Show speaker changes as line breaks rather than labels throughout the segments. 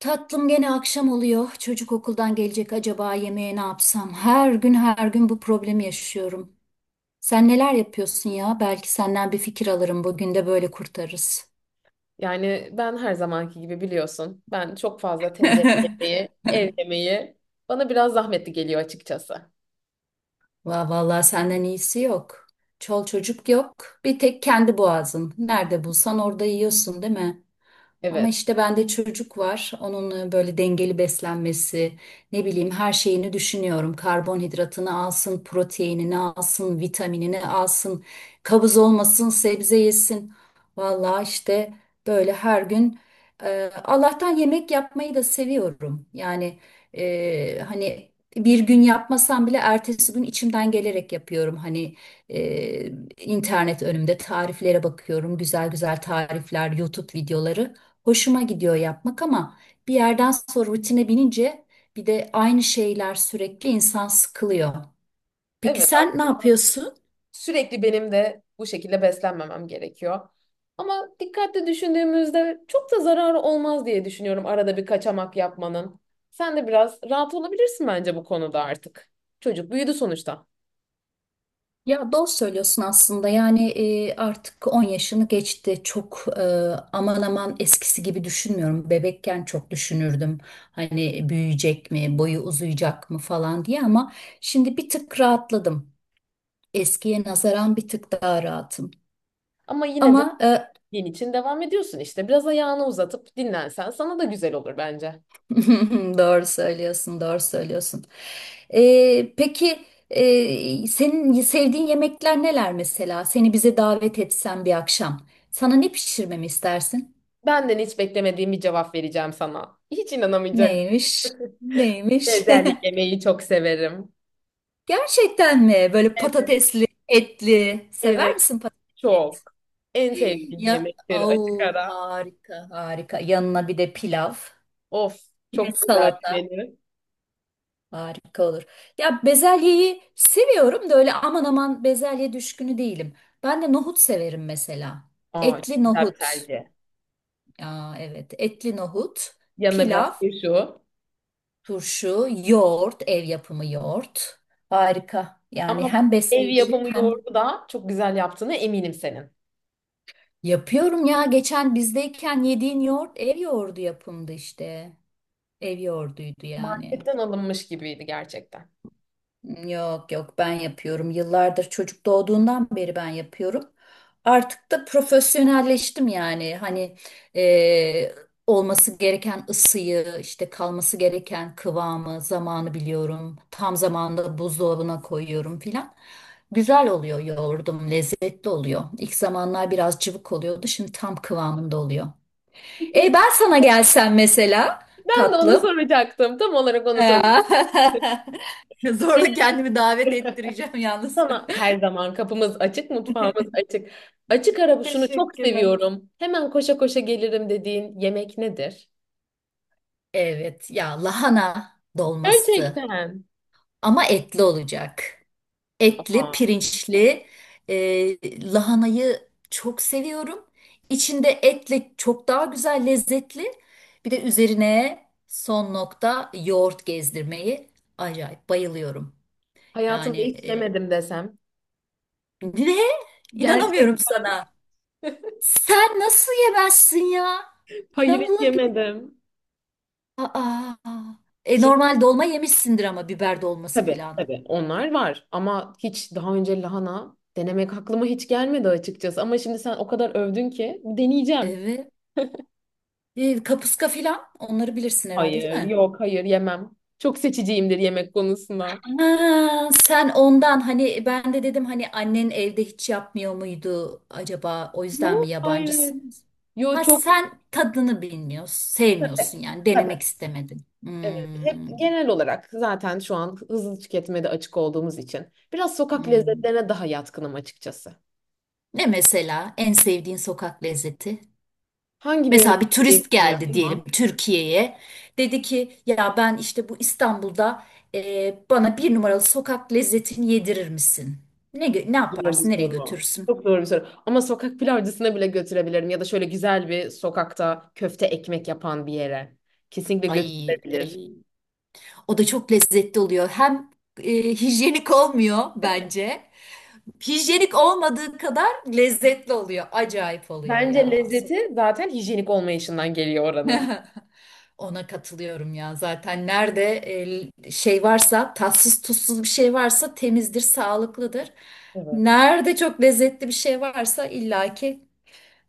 Tatlım gene akşam oluyor. Çocuk okuldan gelecek, acaba yemeğe ne yapsam? Her gün her gün bu problemi yaşıyorum. Sen neler yapıyorsun ya? Belki senden bir fikir alırım. Bugün de böyle kurtarırız.
Yani ben her zamanki gibi biliyorsun. Ben çok fazla tencere yemeği, ev yemeği bana biraz zahmetli geliyor açıkçası.
Vallahi senden iyisi yok. Çocuk yok. Bir tek kendi boğazın. Nerede bulsan orada yiyorsun, değil mi? Ama
Evet.
işte bende çocuk var. Onun böyle dengeli beslenmesi, ne bileyim her şeyini düşünüyorum. Karbonhidratını alsın, proteinini alsın, vitaminini alsın, kabız olmasın, sebze yesin. Vallahi işte böyle her gün Allah'tan yemek yapmayı da seviyorum. Yani hani bir gün yapmasam bile ertesi gün içimden gelerek yapıyorum. Hani e, internet önümde tariflere bakıyorum, güzel güzel tarifler, YouTube videoları. Hoşuma gidiyor yapmak ama bir yerden sonra rutine binince bir de aynı şeyler, sürekli insan sıkılıyor. Peki
Evet.
sen ne yapıyorsun?
Sürekli benim de bu şekilde beslenmemem gerekiyor. Ama dikkatli düşündüğümüzde çok da zararı olmaz diye düşünüyorum arada bir kaçamak yapmanın. Sen de biraz rahat olabilirsin bence bu konuda artık. Çocuk büyüdü sonuçta.
Ya doğru söylüyorsun aslında. Yani artık 10 yaşını geçti, çok aman aman eskisi gibi düşünmüyorum. Bebekken çok düşünürdüm, hani büyüyecek mi, boyu uzayacak mı falan diye, ama şimdi bir tık rahatladım. Eskiye nazaran bir tık daha rahatım.
Ama yine
Ama e,
gün için devam ediyorsun işte. Biraz ayağını uzatıp dinlensen sana da güzel olur bence.
Doğru söylüyorsun, doğru söylüyorsun. Peki, senin sevdiğin yemekler neler mesela? Seni bize davet etsem bir akşam. Sana ne pişirmemi istersin?
Benden hiç beklemediğim bir cevap vereceğim sana. Hiç inanamayacaksın.
Neymiş? Neymiş?
Bezelye yemeği çok severim.
Gerçekten mi? Böyle
Evet.
patatesli, etli. Sever
Evet,
misin patates?
çok. En sevdiğim
Ya,
yemektir açık
au,
ara.
harika, harika. Yanına bir de pilav,
Of,
bir de
çok güzel bir
salata.
menü.
Harika olur. Ya bezelyeyi seviyorum da öyle aman aman bezelye düşkünü değilim. Ben de nohut severim mesela.
Aa, çok
Etli
güzel bir
nohut.
tercih.
Aa, evet, etli nohut,
Yanına
pilav,
biraz turşu.
turşu, yoğurt, ev yapımı yoğurt. Harika. Yani
Ama
hem
ev
besleyici
yapımı
hem
yoğurdu da çok güzel yaptığını eminim senin.
yapıyorum ya. Geçen bizdeyken yediğin yoğurt ev yoğurdu yapımdı işte. Ev yoğurduydu yani.
Marketten alınmış gibiydi gerçekten.
Yok yok, ben yapıyorum. Yıllardır çocuk doğduğundan beri ben yapıyorum. Artık da profesyonelleştim yani. Hani e, olması gereken ısıyı, işte kalması gereken kıvamı, zamanı biliyorum. Tam zamanında buzdolabına koyuyorum filan. Güzel oluyor yoğurdum, lezzetli oluyor. İlk zamanlar biraz cıvık oluyordu, şimdi tam kıvamında oluyor. E
Peki
ben sana gelsem mesela
ben de onu
tatlım.
soracaktım. Tam olarak onu soracaktım.
Ya. Zorla
Senin
kendimi davet ettireceğim yalnız.
sana her zaman kapımız açık, mutfağımız açık. Açık ara şunu çok
Teşekkürler.
seviyorum. Hemen koşa koşa gelirim dediğin yemek nedir?
Evet ya, lahana dolması,
Gerçekten.
ama etli olacak. Etli,
Aa,
pirinçli. Lahanayı çok seviyorum. İçinde etle çok daha güzel, lezzetli. Bir de üzerine son nokta yoğurt gezdirmeyi acayip bayılıyorum.
hayatımda
Yani
hiç
e,
yemedim desem.
ne?
Gerçekten.
İnanamıyorum sana. Sen nasıl yemezsin ya?
Hayır hiç
İnanılır gibi.
yemedim.
Aa. E,
Şimdi.
normal dolma yemişsindir ama, biber dolması
Tabii
filan.
tabii onlar var ama hiç daha önce lahana denemek aklıma hiç gelmedi açıkçası. Ama şimdi sen o kadar övdün ki deneyeceğim.
Evet. E, kapuska filan, onları bilirsin herhalde, değil
Hayır
mi?
yok hayır yemem. Çok seçiciyimdir yemek konusunda.
Ha, sen ondan. Hani ben de dedim, hani annen evde hiç yapmıyor muydu acaba, o yüzden mi
Yok hayır. Hayır.
yabancısınız?
Yok
Ha,
çok.
sen tadını bilmiyorsun, sevmiyorsun
Tabii.
yani,
Tabii.
denemek istemedin.
Evet hep
Hmm,
genel olarak zaten şu an hızlı tüketmede açık olduğumuz için biraz sokak
hmm.
lezzetlerine daha yatkınım açıkçası.
Ne mesela en sevdiğin sokak lezzeti?
Hangi birini
Mesela bir
sevdiğimi
turist
bilmiyorum
geldi diyelim
ama.
Türkiye'ye. Dedi ki, ya ben işte bu İstanbul'da bana bir numaralı sokak lezzetini yedirir misin? Ne, ne
Zor bir
yaparsın? Nereye
soru.
götürürsün?
Çok zor bir soru. Ama sokak pilavcısına bile götürebilirim ya da şöyle güzel bir sokakta köfte ekmek yapan bir yere. Kesinlikle
Ay,
götürülebilir.
ay. O da çok lezzetli oluyor. Hem hijyenik olmuyor bence. Hijyenik olmadığı kadar lezzetli oluyor. Acayip oluyor
Bence
ya.
lezzeti zaten hijyenik olmayışından geliyor oranın.
Ona katılıyorum ya. Zaten nerede şey varsa, tatsız tuzsuz bir şey varsa, temizdir, sağlıklıdır.
Evet.
Nerede çok lezzetli bir şey varsa illaki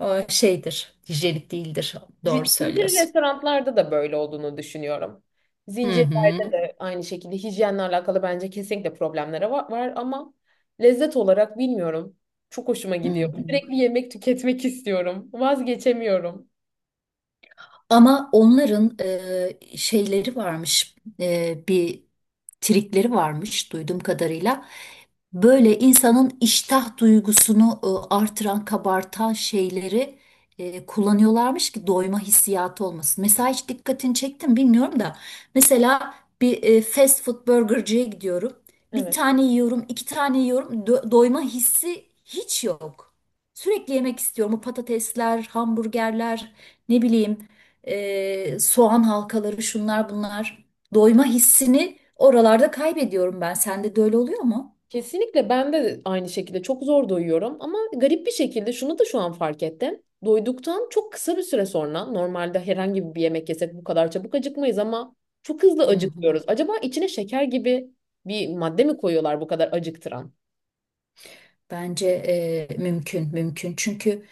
şeydir, hijyenik değildir. Doğru
Zincir
söylüyorsun.
restoranlarda da böyle olduğunu düşünüyorum.
Hı hı.
Zincirlerde de aynı şekilde hijyenle alakalı bence kesinlikle problemlere var ama lezzet olarak bilmiyorum. Çok hoşuma
Hı
gidiyor.
hı.
Sürekli yemek tüketmek istiyorum. Vazgeçemiyorum.
Ama onların şeyleri varmış, bir trikleri varmış duyduğum kadarıyla. Böyle insanın iştah duygusunu artıran, kabartan şeyleri kullanıyorlarmış ki doyma hissiyatı olmasın. Mesela hiç dikkatini çektim bilmiyorum da. Mesela bir fast food burgerciye gidiyorum. Bir
Evet.
tane yiyorum, iki tane yiyorum. Doyma hissi hiç yok. Sürekli yemek istiyorum. Bu patatesler, hamburgerler, ne bileyim soğan halkaları, şunlar bunlar. Doyma hissini oralarda kaybediyorum ben. Sende de öyle oluyor mu?
Kesinlikle ben de aynı şekilde çok zor doyuyorum ama garip bir şekilde şunu da şu an fark ettim. Doyduktan çok kısa bir süre sonra normalde herhangi bir yemek yesek bu kadar çabuk acıkmayız ama çok hızlı
Hı hı.
acıkıyoruz. Acaba içine şeker gibi bir madde mi koyuyorlar bu kadar acıktıran?
Bence mümkün, mümkün. Çünkü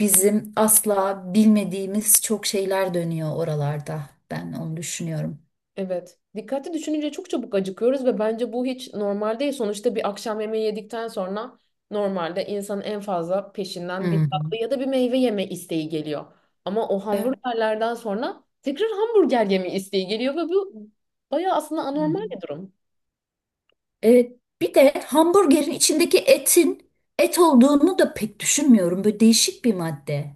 bizim asla bilmediğimiz çok şeyler dönüyor oralarda. Ben onu düşünüyorum.
Evet. Dikkatli düşününce çok çabuk acıkıyoruz ve bence bu hiç normal değil. Sonuçta bir akşam yemeği yedikten sonra normalde insanın en fazla
Hı
peşinden bir
hı.
tatlı ya da bir meyve yeme isteği geliyor. Ama o
Evet.
hamburgerlerden sonra tekrar hamburger yeme isteği geliyor ve bu bayağı aslında
Hı
anormal
hı.
bir durum.
Evet. Bir de hamburgerin içindeki etin et olduğunu da pek düşünmüyorum. Böyle değişik bir madde,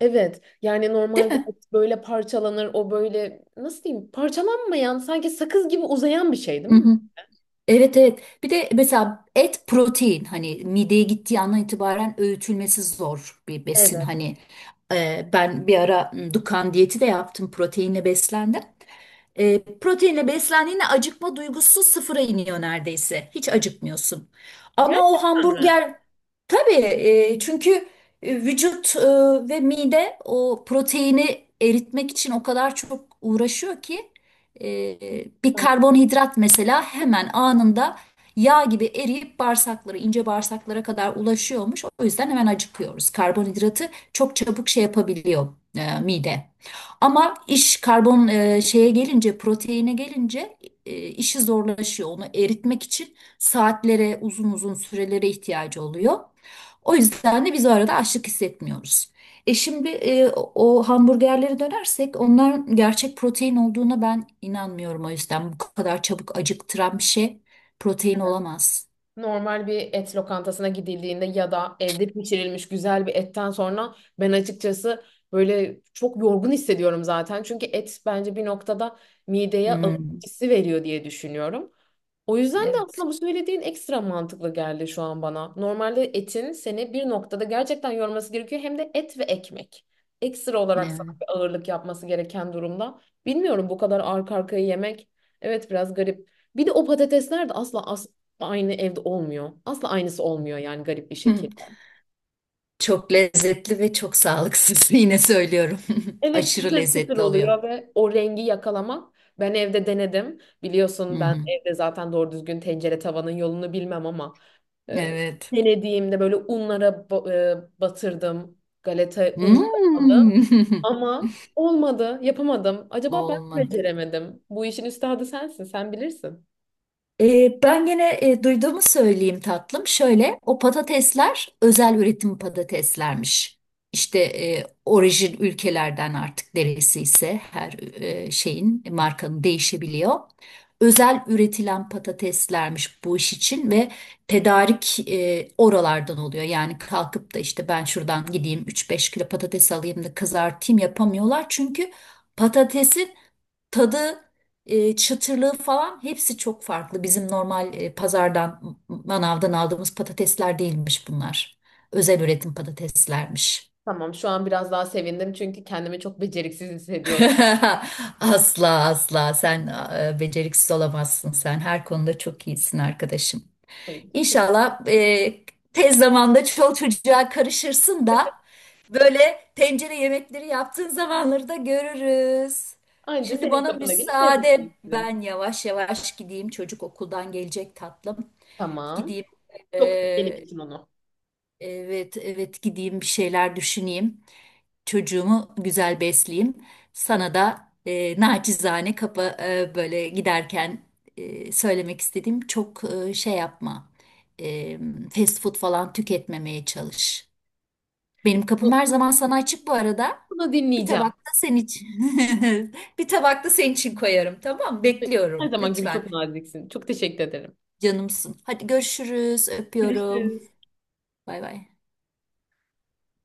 Evet. Yani
değil
normalde
mi?
et böyle parçalanır, o böyle nasıl diyeyim parçalanmayan sanki sakız gibi uzayan bir şey değil
Hı
mi?
hı. Evet evet. Bir de mesela et protein, hani mideye gittiği andan itibaren öğütülmesi zor bir besin.
Evet.
Hani ben bir ara Dukan diyeti de yaptım, proteinle beslendim. E, proteinle beslendiğinde acıkma duygusu sıfıra iniyor neredeyse. Hiç acıkmıyorsun. Ama o
Gerçekten mi?
hamburger tabii çünkü vücut ve mide o proteini eritmek için o kadar çok uğraşıyor ki e, bir karbonhidrat mesela hemen anında yağ gibi eriyip bağırsaklara, ince bağırsaklara kadar ulaşıyormuş. O yüzden hemen acıkıyoruz. Karbonhidratı çok çabuk şey yapabiliyor mide. Ama iş şeye gelince, proteine gelince, işi zorlaşıyor. Onu eritmek için saatlere, uzun uzun sürelere ihtiyacı oluyor. O yüzden de biz o arada açlık hissetmiyoruz. E şimdi o hamburgerlere dönersek, onların gerçek protein olduğuna ben inanmıyorum o yüzden. Bu kadar çabuk acıktıran bir şey protein olamaz.
Normal bir et lokantasına gidildiğinde ya da evde pişirilmiş güzel bir etten sonra ben açıkçası böyle çok yorgun hissediyorum zaten. Çünkü et bence bir noktada mideye ağırlık
Hmm,
hissi veriyor diye düşünüyorum. O yüzden de
evet.
aslında bu söylediğin ekstra mantıklı geldi şu an bana. Normalde etin seni bir noktada gerçekten yorması gerekiyor. Hem de et ve ekmek. Ekstra olarak sana
Evet.
bir ağırlık yapması gereken durumda. Bilmiyorum bu kadar arka arkaya yemek. Evet biraz garip. Bir de o patatesler de aynı evde olmuyor. Asla aynısı olmuyor yani garip bir
Hmm,
şekilde.
çok lezzetli ve çok sağlıksız, yine söylüyorum.
Evet
Aşırı
çıtır çıtır
lezzetli oluyor.
oluyor ve o rengi yakalamak. Ben evde denedim.
Hı
Biliyorsun ben
hı.
evde zaten doğru düzgün tencere tavanın yolunu bilmem ama e,
Evet.
denediğimde böyle batırdım. Galeta unları aldım
Hmm.
ama olmadı, yapamadım. Acaba ben mi
Olmadı.
beceremedim? Bu işin üstadı sensin, sen bilirsin.
Ben gene duyduğumu söyleyeyim tatlım. Şöyle, o patatesler özel üretim patateslermiş. İşte orijin ülkelerden, artık neresi ise her şeyin, markanın değişebiliyor. Özel üretilen patateslermiş bu iş için ve tedarik oralardan oluyor. Yani kalkıp da işte ben şuradan gideyim 3-5 kilo patates alayım da kızartayım, yapamıyorlar. Çünkü patatesin tadı, çıtırlığı falan hepsi çok farklı. Bizim normal pazardan, manavdan aldığımız patatesler değilmiş bunlar. Özel üretim patateslermiş.
Tamam, şu an biraz daha sevindim çünkü kendimi çok beceriksiz hissediyordum.
Asla asla sen beceriksiz olamazsın sen. Her konuda çok iyisin arkadaşım. İnşallah tez zamanda çoluk çocuğa karışırsın da böyle tencere yemekleri yaptığın zamanları da görürüz.
Anca
Şimdi
senin
bana
kapına gelip lezzetini
müsaade,
istedim.
ben yavaş yavaş gideyim, çocuk okuldan gelecek tatlım.
Tamam.
Gideyim
Çok öp benim
e,
için onu.
Evet, evet, gideyim bir şeyler düşüneyim. Çocuğumu güzel besleyeyim. Sana da naçizane böyle giderken söylemek istediğim, çok şey yapma. E, fast food falan tüketmemeye çalış. Benim kapım her zaman sana açık bu arada.
Bunu
Bir
dinleyeceğim.
tabak da senin için. Bir tabak da senin için koyarım, tamam mı?
Her
Bekliyorum
zaman gibi
lütfen.
çok naziksin. Çok teşekkür ederim.
Canımsın. Hadi görüşürüz. Öpüyorum.
Görüşürüz.
Bay bay.